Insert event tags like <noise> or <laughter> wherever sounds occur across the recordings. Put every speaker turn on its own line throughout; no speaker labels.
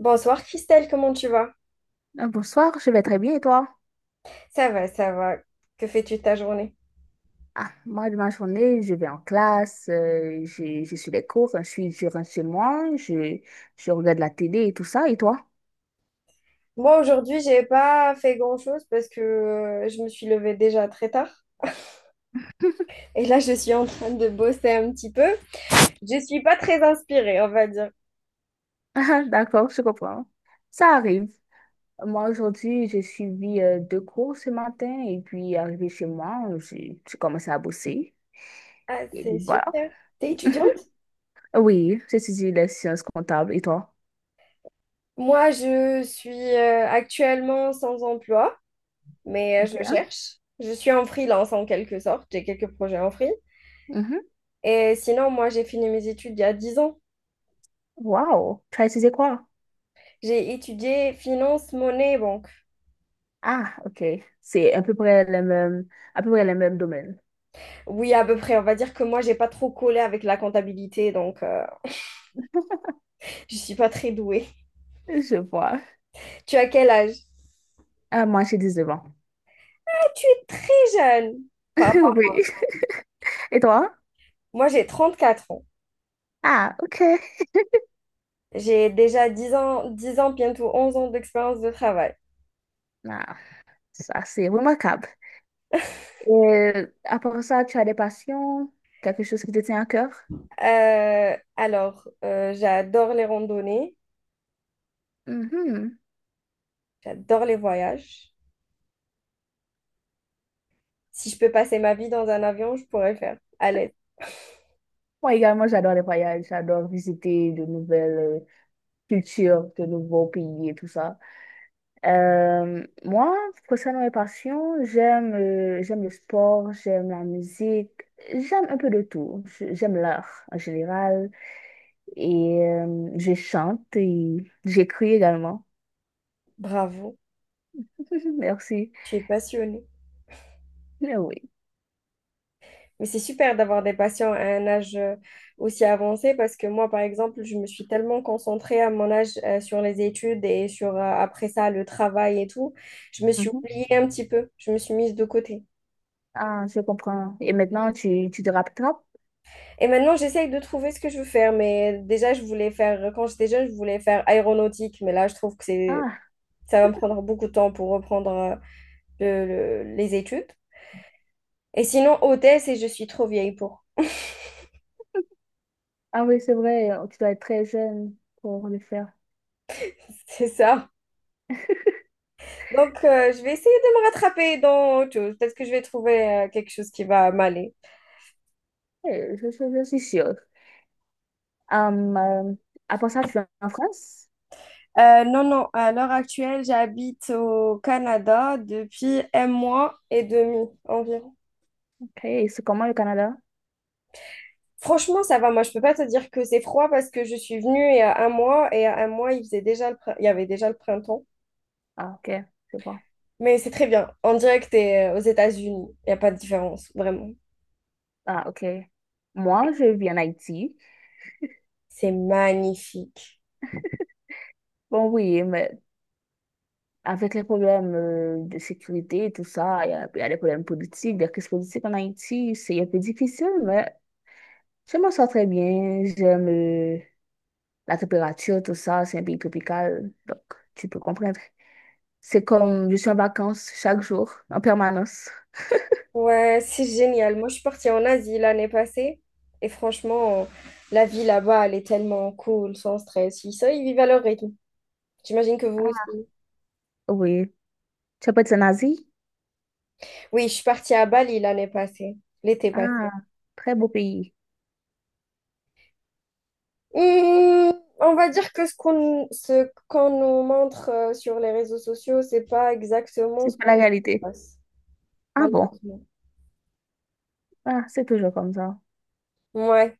Bonsoir Christelle, comment tu vas?
Bonsoir, je vais très bien et toi?
Ça va, ça va. Que fais-tu de ta journée?
Ah, moi, de ma journée, je vais en classe, je suis les cours, je suis, je rentre chez moi, je regarde la télé et tout ça. Et toi? <laughs>
Moi aujourd'hui, j'ai pas fait grand-chose parce que je me suis levée déjà très tard. Et là, je suis en train de bosser un petit peu. Je suis pas très inspirée, on va dire.
Ah, d'accord, je comprends. Ça arrive. Moi, aujourd'hui, j'ai suivi deux cours ce matin et puis, arrivé chez moi, j'ai commencé à bosser.
Ah,
Et
c'est
puis, voilà.
super. T'es étudiante?
Oui, j'ai étudié les sciences comptables. Et toi?
Moi, je suis actuellement sans emploi, mais je
Ok.
cherche. Je suis en freelance en quelque sorte. J'ai quelques projets en free.
Mhm.
Et sinon, moi, j'ai fini mes études il y a 10 ans.
Wow. Tu as étudié quoi?
J'ai étudié finance, monnaie, banque.
Ah, ok. C'est à peu près le même, à peu près le même domaine.
Oui, à peu près. On va dire que moi, j'ai pas trop collé avec la comptabilité, donc je suis pas très douée.
Je vois.
<laughs> Tu as quel âge?
Moi, j'ai 19 ans.
Ah, tu es très jeune. par
<laughs>
rapport-
Oui. Et toi?
Moi, j'ai 34 ans.
Ah, ok.
J'ai déjà 10 ans, bientôt 11 ans d'expérience de travail.
Ah, ça, c'est remarquable. Et à part ça, tu as des passions? Quelque chose qui te tient à cœur?
J'adore les randonnées,
Mhm.
j'adore les voyages. Si je peux passer ma vie dans un avion, je pourrais le faire. À l'aise. <laughs>
Moi également, j'adore les voyages. J'adore visiter de nouvelles cultures, de nouveaux pays et tout ça. Moi, concernant mes passions, j'aime le sport, j'aime la musique, j'aime un peu de tout. J'aime l'art en général. Et je chante et j'écris également.
Bravo,
<laughs> Merci.
tu es passionnée.
Mais oui.
Mais c'est super d'avoir des patients à un âge aussi avancé parce que moi, par exemple, je me suis tellement concentrée à mon âge sur les études et sur après ça le travail et tout, je me suis
Mhm.
oubliée un petit peu, je me suis mise de côté.
Ah, je comprends. Et maintenant, tu te rattrapes?
Et maintenant, j'essaye de trouver ce que je veux faire, mais déjà, je voulais faire, quand j'étais jeune, je voulais faire aéronautique, mais là, je trouve que c'est,
Ah,
ça va me prendre beaucoup de temps pour reprendre le- les études. Et sinon, hôtesse, et je suis trop vieille pour. <laughs>
ah oui, c'est vrai, tu dois être très jeune pour le faire.
C'est ça. Donc, je vais essayer de me rattraper dans autre chose. Peut-être que je vais trouver quelque chose qui va m'aller.
Eh, Je, je suis sûre. Hum, euh, Après ça, tu es en France?
Non, non, à l'heure actuelle, j'habite au Canada depuis un mois et demi environ.
Ok, et c'est comment le Canada?
Franchement, ça va. Moi, je peux pas te dire que c'est froid parce que je suis venue il y a un mois et à un mois, il faisait déjà le il y avait déjà le printemps.
Ah, ok, c'est bon.
Mais c'est très bien. On dirait que tu es aux États-Unis. Il n'y a pas de différence, vraiment.
Ah, ok. Moi, je vis en Haïti.
C'est magnifique.
Bon, oui, mais avec les problèmes de sécurité et tout ça, il y a les problèmes politiques, des crises politiques en Haïti, c'est un peu difficile, mais je m'en sors très bien. J'aime la température, tout ça, c'est un pays tropical, donc tu peux comprendre. C'est comme je suis en vacances chaque jour, en permanence.
Ouais, c'est génial. Moi, je suis partie en Asie l'année passée et franchement, la vie là-bas, elle est tellement cool, sans stress. Ils, ça, ils vivent à leur rythme. J'imagine que vous aussi.
Oui. Tu as pas été en Asie?
Oui, je suis partie à Bali l'année passée, l'été passé.
Ah, très beau pays.
Hmm, on va dire que ce qu'on nous montre sur les réseaux sociaux, c'est pas exactement ce
C'est pas
qu'on
la réalité.
passe,
Ah bon?
malheureusement.
Ah, c'est toujours comme ça.
Ouais,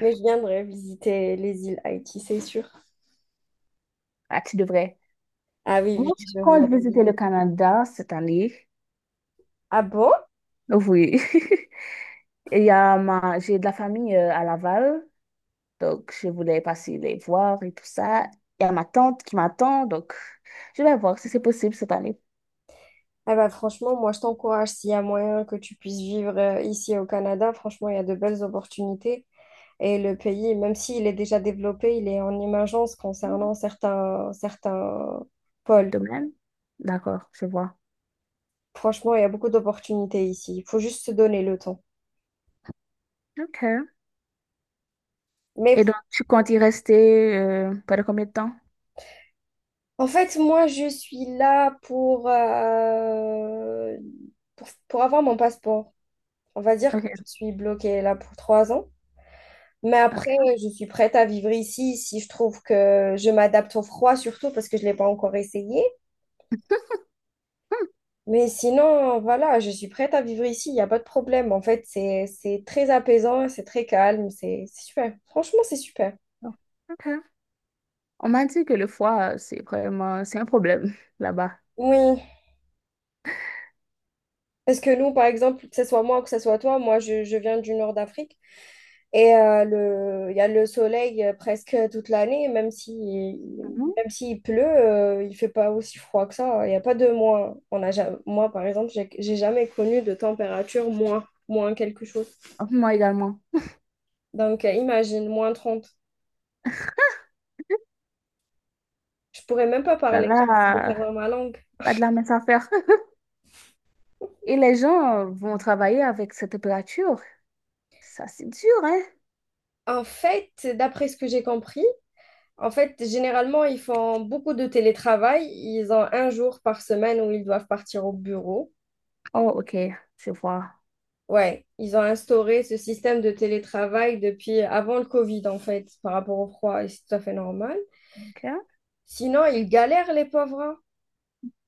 mais je viendrai visiter les îles Haïti, c'est sûr.
Ah, tu devrais.
Ah oui,
Moi,
oui,
je
je vois.
compte visiter le Canada cette année.
Ah bon?
Oui. <laughs> Et il y a ma... J'ai de la famille à Laval, donc je voulais passer les voir et tout ça. Il y a ma tante qui m'attend, donc je vais voir si c'est possible cette année.
Ah bah franchement, moi je t'encourage s'il y a moyen que tu puisses vivre ici au Canada. Franchement, il y a de belles opportunités. Et le pays, même s'il est déjà développé, il est en émergence concernant certains pôles.
De même. D'accord, je vois.
Franchement, il y a beaucoup d'opportunités ici. Il faut juste se donner le temps.
OK. Et
Mais
donc, tu comptes y rester pendant combien de temps?
en fait, moi, je suis là pour, pour avoir mon passeport. On va dire que
OK,
je suis bloquée là pour 3 ans. Mais après,
OK.
je suis prête à vivre ici si je trouve que je m'adapte au froid, surtout parce que je ne l'ai pas encore essayé.
Hmm,
Mais sinon, voilà, je suis prête à vivre ici. Il n'y a pas de problème. En fait, c'est très apaisant, c'est très calme, c'est super. Franchement, c'est super.
OK. On m'a dit que le foie, c'est vraiment... C'est un problème <laughs> là-bas.
Oui, parce que nous, par exemple, que ce soit moi ou que ce soit toi, moi, je viens du nord d'Afrique et il y a le soleil presque toute l'année, même si,
Mhm.
même s'il pleut, il fait pas aussi froid que ça. Il n'y a pas de moins. Moi, par exemple, j'ai jamais connu de température moins quelque chose.
Moi également.
Donc, imagine, -30. Je pourrais même pas
Là,
parler, je vais
là,
perdre ma langue.
pas de la mince affaire. <laughs> Et les gens vont travailler avec cette température. Ça, c'est dur, hein?
En fait, d'après ce que j'ai compris, en fait, généralement, ils font beaucoup de télétravail. Ils ont un jour par semaine où ils doivent partir au bureau.
Oh, ok, je vois.
Ouais, ils ont instauré ce système de télétravail depuis avant le Covid, en fait, par rapport au froid, et c'est tout à fait normal.
Ok. Ah.
Sinon, ils galèrent, les pauvres, hein.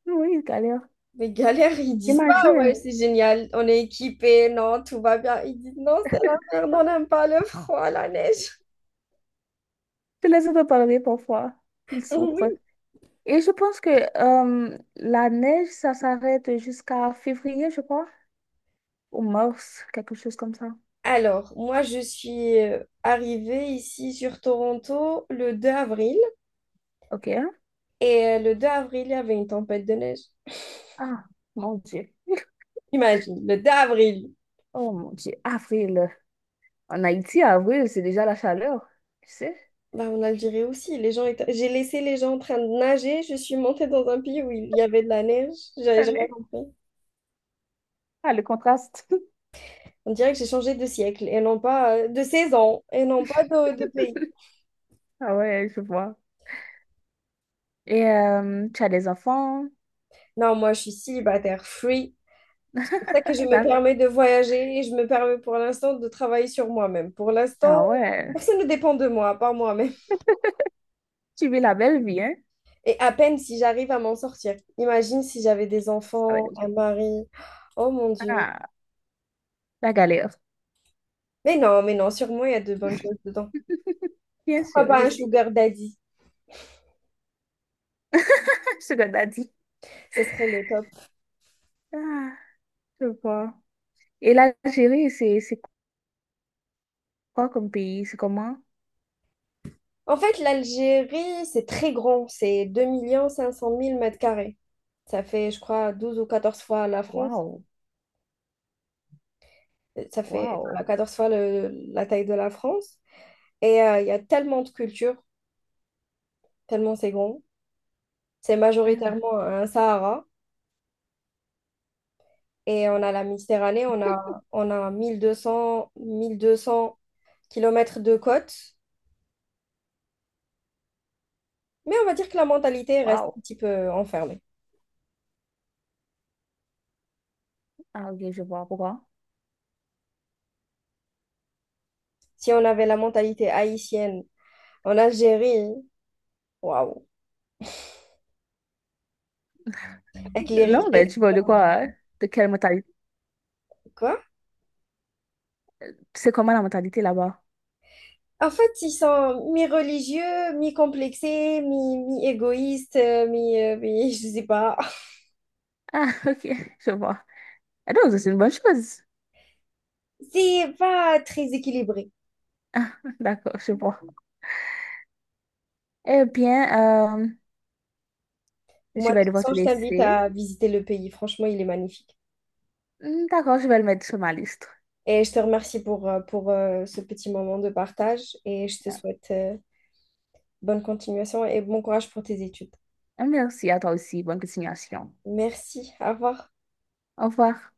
Oui, il galère.
Mais galèrent, ils disent pas, ouais,
J'imagine.
c'est génial, on est équipés, non, tout va bien. Ils disent, non, c'est la merde, on n'aime pas le froid, la neige.
Tu les entends parler parfois. Ils
<laughs>
souffrent.
Oui.
Et je pense que la neige, ça s'arrête jusqu'à février, je crois, ou mars, quelque chose comme ça.
Alors, moi, je suis arrivée ici sur Toronto le 2 avril.
Ok.
Et le 2 avril, il y avait une tempête de neige.
Ah, mon Dieu.
Imagine, le 2 avril.
Oh, mon Dieu. Avril. En Haïti, avril, c'est déjà la chaleur. Tu sais?
Bah, en Algérie aussi, les gens étaient... J'ai laissé les gens en train de nager, je suis montée dans un pays où il y avait de la neige, j'avais jamais
Allez.
compris.
Ah, le contraste. <laughs>
On dirait que j'ai changé de siècle et non pas de saison et non pas de pays.
Ah ouais, je vois. Et tu as des enfants.
Non, moi je suis célibataire, free. C'est pour ça que je me
D'accord.
permets de voyager et je me permets pour l'instant de travailler sur moi-même. Pour
Ah
l'instant,
ouais.
personne ne dépend de moi, à part moi-même.
Tu vis la belle vie, hein?
Et à peine si j'arrive à m'en sortir. Imagine si j'avais des
Avec
enfants,
des enfants.
un mari. Oh mon Dieu.
Ah. La galère.
Mais non, sûrement il y a de bonnes choses dedans.
Bien
Pourquoi
sûr,
pas
je
un
sais.
sugar daddy?
<laughs> Ce que t'as dit.
Ce serait le top.
Ah, je vois. Et l'Algérie, c'est quoi comme pays? C'est comment?
En fait, l'Algérie, c'est très grand. C'est 2 500 000 mètres carrés. Ça fait, je crois, 12 ou 14 fois la France.
Waouh,
Ça fait voilà,
waouh.
14 fois la taille de la France. Et il y a tellement de cultures, tellement c'est grand. C'est
Ah,
majoritairement un Sahara. Et on a la Méditerranée, on a 1200 kilomètres de côte. Mais on va dire que la mentalité reste
waouh.
un petit peu enfermée.
Ah, ok, je vois pourquoi.
Si on avait la mentalité haïtienne en Algérie, waouh, avec les
Non,
richesses,
mais tu vois de quoi? Hein? De quelle mentalité?
quoi.
C'est comment la mentalité là-bas?
En fait, ils sont mi-religieux, mi-complexés, mi-égoïstes, <laughs> je sais pas.
Ah, <laughs> ok, je vois. Ah, donc, c'est une bonne chose.
C'est pas très équilibré.
D'accord, je vois. Eh bien,
Moi,
je
de
vais
toute
devoir
façon,
te
je t'invite
laisser.
à visiter le pays. Franchement, il est magnifique.
Hmm, d'accord, je vais le mettre sur ma liste.
Et je te remercie pour, ce petit moment de partage et je te souhaite bonne continuation et bon courage pour tes études.
Ah, merci à toi aussi. Bonne continuation.
Merci, au revoir.
Au revoir.